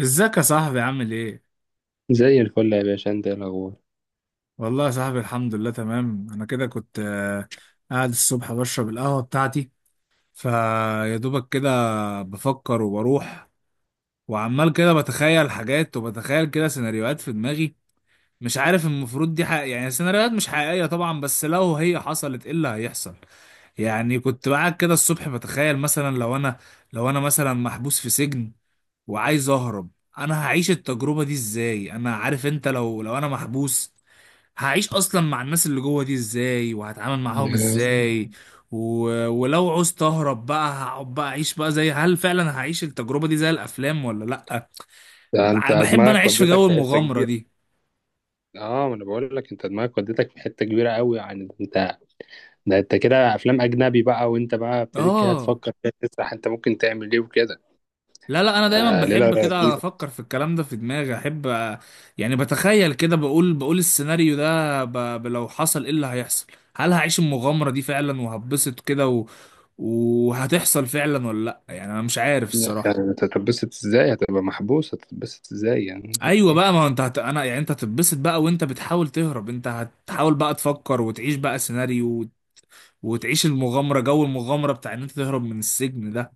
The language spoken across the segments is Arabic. ازيك يا صاحبي عامل ايه؟ زي الفل يا باشا، انت ايه الاخبار؟ والله يا صاحبي الحمد لله تمام. انا كده كنت قاعد الصبح بشرب القهوة بتاعتي، فيا دوبك كده بفكر وبروح، وعمال كده بتخيل حاجات وبتخيل كده سيناريوهات في دماغي. مش عارف المفروض دي يعني سيناريوهات مش حقيقية طبعا، بس لو هي حصلت ايه اللي هيحصل؟ يعني كنت قاعد كده الصبح بتخيل مثلا لو انا مثلا محبوس في سجن وعايز اهرب. انا هعيش التجربة دي ازاي؟ انا عارف انت، لو انا محبوس هعيش اصلا مع الناس اللي جوه دي ازاي وهتعامل معاهم ده ازاي. و... ولو عوزت اهرب بقى هقعد بقى اعيش بقى، زي هل فعلا هعيش التجربة دي زي الافلام ولا لا؟ ده انت بحب انا دماغك اعيش في ودتك جو في حته المغامرة كبيره. دي. اه، ما انا بقول لك انت دماغك ودتك في حته كبيره قوي، يعني ده انت كده افلام اجنبي بقى، وانت بقى ابتديت كده اه، تفكر، كده تسرح انت ممكن تعمل ايه وكده. لا لا، انا دايما ده ليله بحب كده لذيذه. افكر في الكلام ده في دماغي، احب. أ- يعني بتخيل كده، بقول السيناريو ده، لو حصل ايه اللي هيحصل؟ هل هعيش المغامرة دي فعلا وهتبسط كده وهتحصل فعلا ولا لا؟ يعني انا مش عارف يعني الصراحة. انت هتتبسط ازاي؟ هتبقى محبوس، هتتبسط ازاي يعني؟ ايوه بقى، ما هو انت انا يعني انت هتتبسط بقى وانت بتحاول تهرب، انت هتحاول بقى تفكر وتعيش بقى سيناريو وتعيش المغامره، جو المغامره بتاع ان انت تهرب من السجن ده.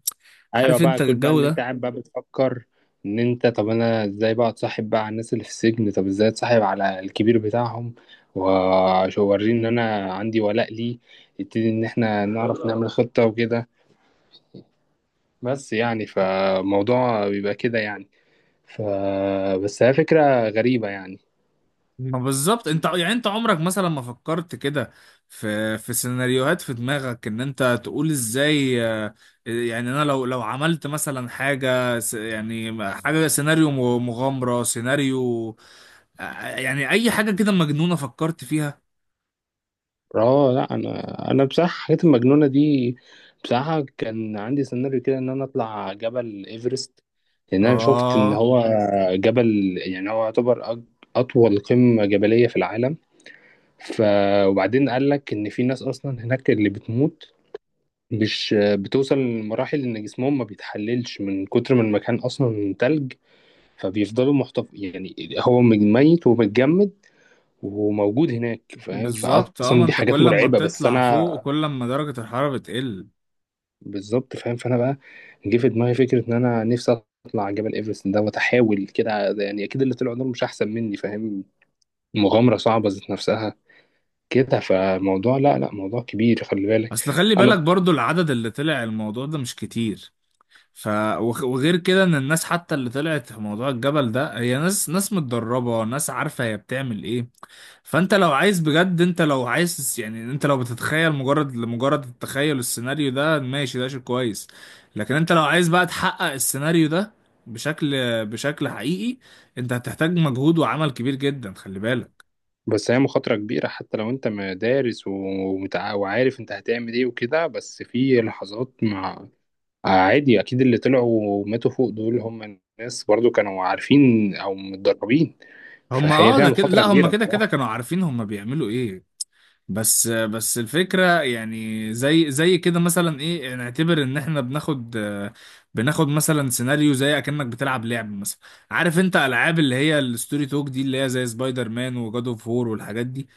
ايوه عارف بقى، انت كل بقى الجو اللي انت ده؟ قاعد بقى بتفكر ان انت طب انا ازاي بقى اتصاحب بقى على الناس اللي في السجن، طب ازاي اتصاحب على الكبير بتاعهم واوريه ان انا عندي ولاء ليه، يبتدي ان احنا نعرف نعمل خطة وكده، بس يعني فموضوع بيبقى كده يعني. ف بس هي فكرة غريبة يعني. ما بالظبط، انت يعني انت عمرك مثلا ما فكرت كده في سيناريوهات في دماغك ان انت تقول ازاي؟ يعني انا لو عملت مثلا يعني حاجه سيناريو، مغامره سيناريو، آه، يعني اي حاجه كده مجنونه فكرت فيها؟ اه، لا، انا بصراحه الحاجات المجنونه دي. بصراحه كان عندي سيناريو كده ان انا اطلع جبل ايفرست، لان انا شفت ان اه، هو جبل، يعني هو يعتبر اطول قمه جبليه في العالم. ف وبعدين قال لك ان في ناس اصلا هناك اللي بتموت، مش بتوصل لمراحل ان جسمهم ما بيتحللش من كتر ما المكان اصلا تلج، فبيفضلوا محتف، يعني هو ميت ومتجمد وموجود هناك، فاهم؟ بالظبط، اه ما فاصلا دي انت حاجات كل ما مرعبه، بس بتطلع انا. فوق كل ما درجة الحرارة بتقل. بالظبط فاهم، فانا بقى جه في دماغي فكره ان انا نفسي اطلع على جبل ايفرست ده واتحاول كده، يعني اكيد اللي طلعوا دول مش احسن مني، فاهم؟ مغامره صعبه ذات نفسها كده، فموضوع لا لا، موضوع كبير خلي بالك. اصل خلي انا بالك برضو العدد اللي طلع الموضوع ده مش كتير. ف وغير كده ان الناس حتى اللي طلعت في موضوع الجبل ده هي ناس متدربة، ناس عارفة هي بتعمل ايه. فانت لو عايز بجد، انت لو عايز، يعني انت لو بتتخيل مجرد لمجرد التخيل السيناريو ده ماشي، ده شيء كويس. لكن انت لو عايز بقى تحقق السيناريو ده بشكل بشكل حقيقي، انت هتحتاج مجهود وعمل كبير جدا، خلي بالك. بس هي مخاطره كبيره، حتى لو انت دارس وعارف انت هتعمل ايه وكده، بس في لحظات عادي، اكيد اللي طلعوا وماتوا فوق دول، هم الناس برضو كانوا عارفين او متدربين. هم، فهي اه، فيها ده كده، مخاطره لا هم كبيره كده كده بصراحه. كانوا عارفين هم بيعملوا ايه. بس الفكرة، يعني زي كده مثلا، ايه نعتبر ان احنا بناخد، بناخد مثلا سيناريو زي اكنك بتلعب لعب مثلا. عارف انت العاب اللي هي الستوري توك دي، اللي هي زي سبايدر مان وجاد اوف وور والحاجات دي.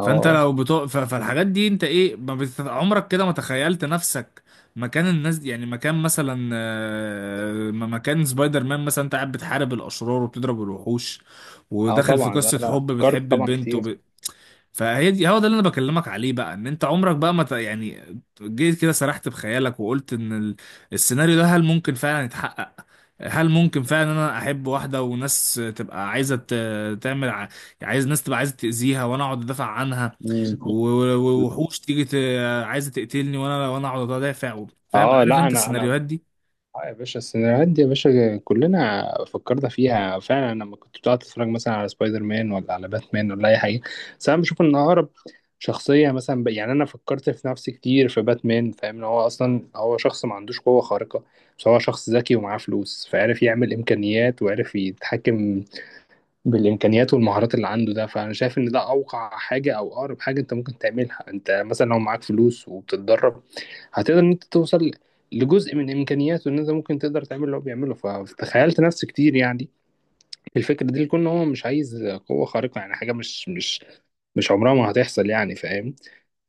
فانت لو بتو... ف- فالحاجات دي انت ايه ما بت... عمرك كده ما تخيلت نفسك مكان الناس دي؟ يعني مكان مثلا، مكان سبايدر مان مثلا، انت قاعد بتحارب الاشرار وبتضرب الوحوش، اه، وداخل في طبعا لا قصة لا، حب فكرت بتحب طبعا البنت كتير. وب... فهي دي هو ده اللي انا بكلمك عليه بقى، ان انت عمرك بقى ما ت... يعني جيت كده سرحت بخيالك وقلت ان السيناريو ده هل ممكن فعلا يتحقق؟ هل ممكن فعلا انا احب واحده وناس تبقى عايزه عايز، ناس تبقى عايزه تاذيها وانا اقعد ادافع عنها. مم. ووحوش تيجي عايزه تقتلني، وانا اقعد ادافع فاهم، اه، عارف لا، انت انا انا السيناريوهات دي؟ اه يا باشا السيناريوهات دي، يا باشا كلنا فكرنا فيها فعلا، لما كنت بتقعد تتفرج مثلا على سبايدر مان ولا على باتمان ولا اي حاجه. بس انا بشوف ان اقرب شخصيه مثلا، يعني انا فكرت في نفسي كتير في باتمان، فاهم؟ ان هو اصلا هو شخص ما عندوش قوه خارقه، بس هو شخص ذكي ومعاه فلوس، فعرف يعمل امكانيات وعرف يتحكم بالامكانيات والمهارات اللي عنده ده. فانا شايف ان ده اوقع حاجه او اقرب حاجه انت ممكن تعملها، انت مثلا لو معاك فلوس وبتتدرب هتقدر ان انت توصل لجزء من امكانياته، ان انت ممكن تقدر تعمل اللي هو بيعمله. فتخيلت نفس كتير يعني الفكره دي، لكون هو مش عايز قوه خارقه، يعني حاجه مش عمرها ما هتحصل يعني، فاهم؟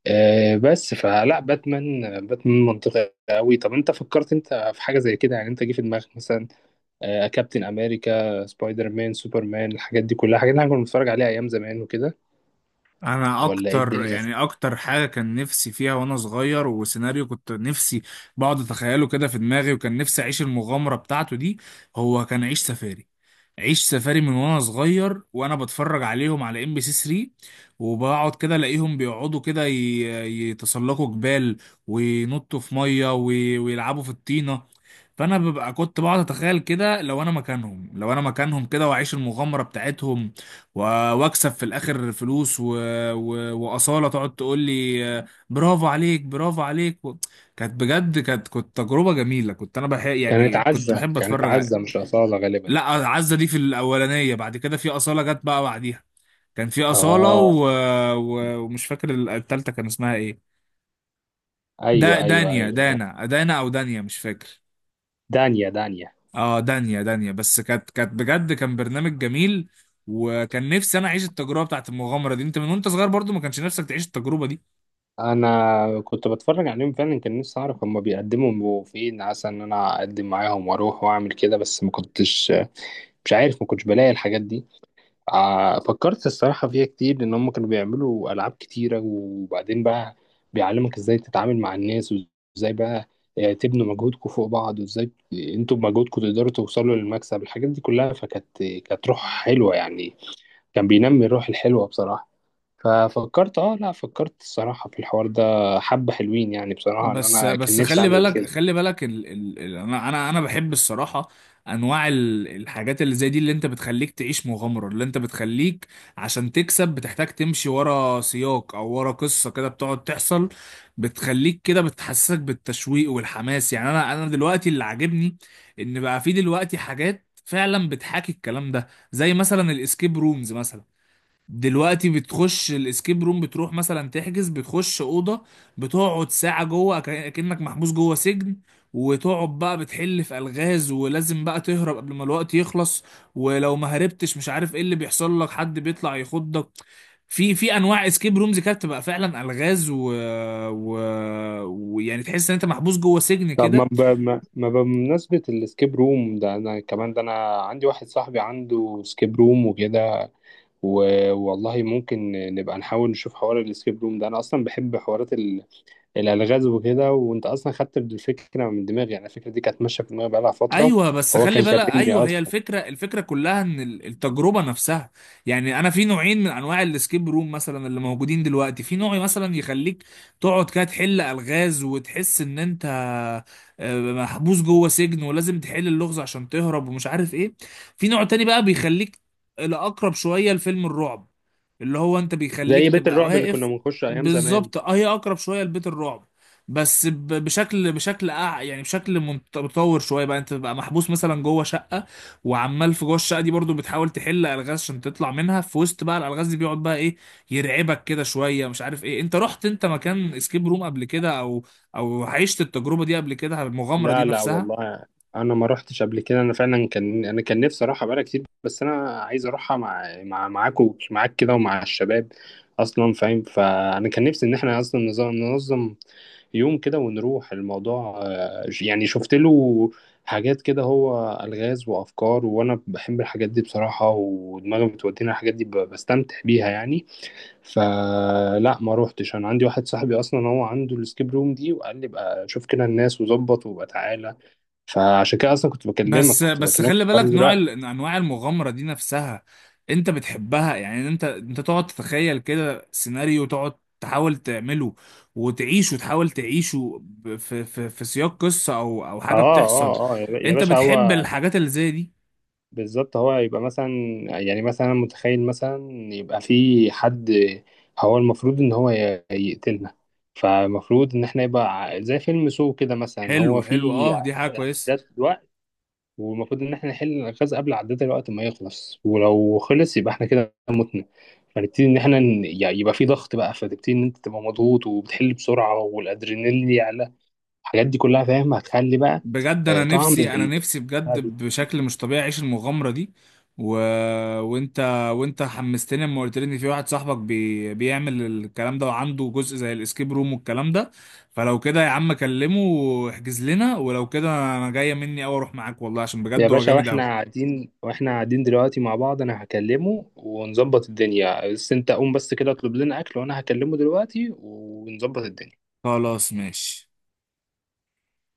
بس فلا باتمان، باتمان منطقي قوي. طب انت فكرت انت في حاجه زي كده؟ يعني انت جه في دماغك مثلا كابتن امريكا، سبايدر مان، سوبرمان، الحاجات دي كلها، حاجات اللي احنا كنا بنتفرج عليها ايام زمان وكده، انا ولا ايه اكتر، الدنيا؟ يعني اكتر حاجه كان نفسي فيها وانا صغير وسيناريو كنت نفسي بقعد اتخيله كده في دماغي وكان نفسي اعيش المغامره بتاعته دي، هو كان عيش سفاري. عيش سفاري من وانا صغير وانا بتفرج عليهم على MBC 3، وبقعد كده الاقيهم بيقعدوا كده يتسلقوا جبال، وينطوا في ميه، ويلعبوا في الطينه. فانا ببقى كنت بقعد اتخيل كده لو انا مكانهم كده، واعيش المغامره بتاعتهم، و- واكسب في الاخر فلوس واصاله تقعد تقول لي، برافو عليك، برافو عليك، كانت بجد، كانت تجربه جميله، كنت انا بحب، يعني كنت بحب كانت اتفرج. عزة، مش أصالة غالبا. لا، عزة دي في الأولانية، بعد كده في أصالة جت بقى بعديها. كان في أصالة اه، ومش فاكر التالتة كان اسمها إيه. ايوه ايوه دانيا، ايوه. دانا أو دانيا مش فاكر. دانيا دانيا. اه، دانيا دانيا، بس كانت بجد كان برنامج جميل. وكان نفسي أنا أعيش التجربة بتاعت المغامرة دي. أنت من وأنت صغير برضو ما كانش نفسك تعيش التجربة دي؟ انا كنت بتفرج عليهم فعلا، كان نفسي اعرف هما بيقدموا فين عسى ان انا اقدم معاهم واروح واعمل كده، بس ما كنتش، مش عارف، ما كنتش بلاقي الحاجات دي. فكرت الصراحة فيها كتير، لأن هم كانوا بيعملوا ألعاب كتيرة، وبعدين بقى بيعلمك إزاي تتعامل مع الناس، وإزاي بقى تبنوا مجهودكم فوق بعض، وإزاي أنتوا بمجهودكم تقدروا توصلوا للمكسب، الحاجات دي كلها. فكانت روح حلوة يعني، كان بينمي الروح الحلوة بصراحة. ففكرت، لا، فكرت الصراحة في الحوار ده، حبة حلوين يعني بصراحة، إن بس أنا كان بس نفسي خلي أعمل بالك كده. خلي بالك ال ال ال انا بحب الصراحه، انواع الحاجات اللي زي دي، اللي انت بتخليك تعيش مغامره، اللي انت بتخليك عشان تكسب بتحتاج تمشي ورا سياق او ورا قصه كده بتقعد تحصل، بتخليك كده بتحسسك بالتشويق والحماس. يعني انا دلوقتي اللي عاجبني ان بقى في دلوقتي حاجات فعلا بتحاكي الكلام ده، زي مثلا الاسكيب رومز مثلا. دلوقتي بتخش الاسكيب روم، بتروح مثلا تحجز، بتخش اوضه بتقعد ساعه جوه كأنك محبوس جوه سجن، وتقعد بقى بتحل في الغاز ولازم بقى تهرب قبل ما الوقت يخلص. ولو ما هربتش مش عارف ايه اللي بيحصل لك، حد بيطلع يخضك. في انواع اسكيب رومز كده بتبقى فعلا الغاز و... ويعني تحس ان انت محبوس جوه سجن طب ما كده. ب... ما ما بمناسبة السكيب روم ده، أنا كمان، ده أنا عندي واحد صاحبي عنده سكيب روم وكده، والله ممكن نبقى نحاول نشوف حوار الاسكيب روم ده. انا اصلا بحب حوارات الالغاز وكده، وانت اصلا خدت الفكره من دماغي، يعني الفكره دي كانت ماشيه في دماغي بقالها فتره. ايوه، بس هو خلي كان بالك، كلمني ايوه هي اصلا. الفكره كلها ان التجربه نفسها. يعني انا في نوعين من انواع الاسكيب روم مثلا اللي موجودين دلوقتي. في نوع مثلا يخليك تقعد كده تحل الغاز وتحس ان انت محبوس جوه سجن ولازم تحل اللغز عشان تهرب ومش عارف ايه. في نوع تاني بقى بيخليك الاقرب شويه لفيلم الرعب، اللي هو انت بيخليك زي بيت تبقى الرعب اللي كنا واقف. بنخش ايام زمان. بالظبط، اه، هي اقرب شويه لبيت الرعب. بس بشكل يعني بشكل متطور شويه بقى، انت بقى محبوس مثلا جوه شقه، وعمال في جوه الشقه دي برضو بتحاول تحل الغاز عشان تطلع منها. في وسط بقى الالغاز دي بيقعد بقى ايه يرعبك كده شويه مش عارف ايه. انت رحت انت مكان اسكيب روم قبل كده، او عشت التجربه دي قبل كده، المغامره دي لا لا نفسها؟ والله، انا ما روحتش قبل كده، انا فعلا كان نفسي اروحها بقالي كتير، بس انا عايز اروحها مع مع معاكم معاك كده ومع الشباب اصلا، فاهم؟ فانا كان نفسي ان احنا اصلا ننظم يوم كده ونروح الموضوع، يعني شفت له حاجات كده، هو الغاز وافكار، وانا بحب الحاجات دي بصراحة، ودماغي بتودينا الحاجات دي، بستمتع بيها يعني. فلا ما روحتش. انا عندي واحد صاحبي اصلا هو عنده السكيب روم دي، وقال لي بقى شوف كده الناس وظبط وبقى تعالى، فعشان كده اصلا كنت بكلمك، بس كنت بس بكلمك في خلي بالك، الحوار نوع دلوقتي. انواع المغامره دي نفسها، انت بتحبها؟ يعني انت تقعد تتخيل كده سيناريو، تقعد تحاول تعمله وتعيشه، تحاول تعيشه، في في سياق قصه، او اه حاجه بتحصل، اه اه، يا يا انت باشا، بتحب هو الحاجات اللي زي دي؟ بالظبط. هو يبقى مثلا، يعني مثلا أنا متخيل مثلا يبقى في حد هو المفروض ان هو يقتلنا، فالمفروض ان احنا يبقى زي فيلم سو كده مثلا، حلو، هو حلو، في اه دي حاجه كويسه. اعداد، والمفروض ان احنا نحل الغاز قبل عداد الوقت ما يخلص، ولو خلص يبقى احنا كده متنا، فنبتدي ان احنا يعني يبقى في ضغط بقى، فتبتدي ان انت تبقى مضغوط وبتحل بسرعه والادرينالين يعلى، الحاجات دي كلها فاهم، هتخلي بقى بجد انا طعم نفسي، انا نفسي بجد بشكل مش طبيعي اعيش المغامره دي. و... وانت وانت حمستني لما قلت لي ان في واحد صاحبك بيعمل الكلام ده وعنده جزء زي الاسكيب روم والكلام ده. فلو كده يا عم كلمه واحجز لنا، ولو كده انا جايه مني اوي اروح معاك والله، عشان يا بجد هو باشا، جامد اوي. واحنا قاعدين دلوقتي مع بعض، انا هكلمه ونظبط الدنيا، بس انت قوم بس كده اطلب لنا اكل، وانا هكلمه دلوقتي ونظبط الدنيا. خلاص، ماشي.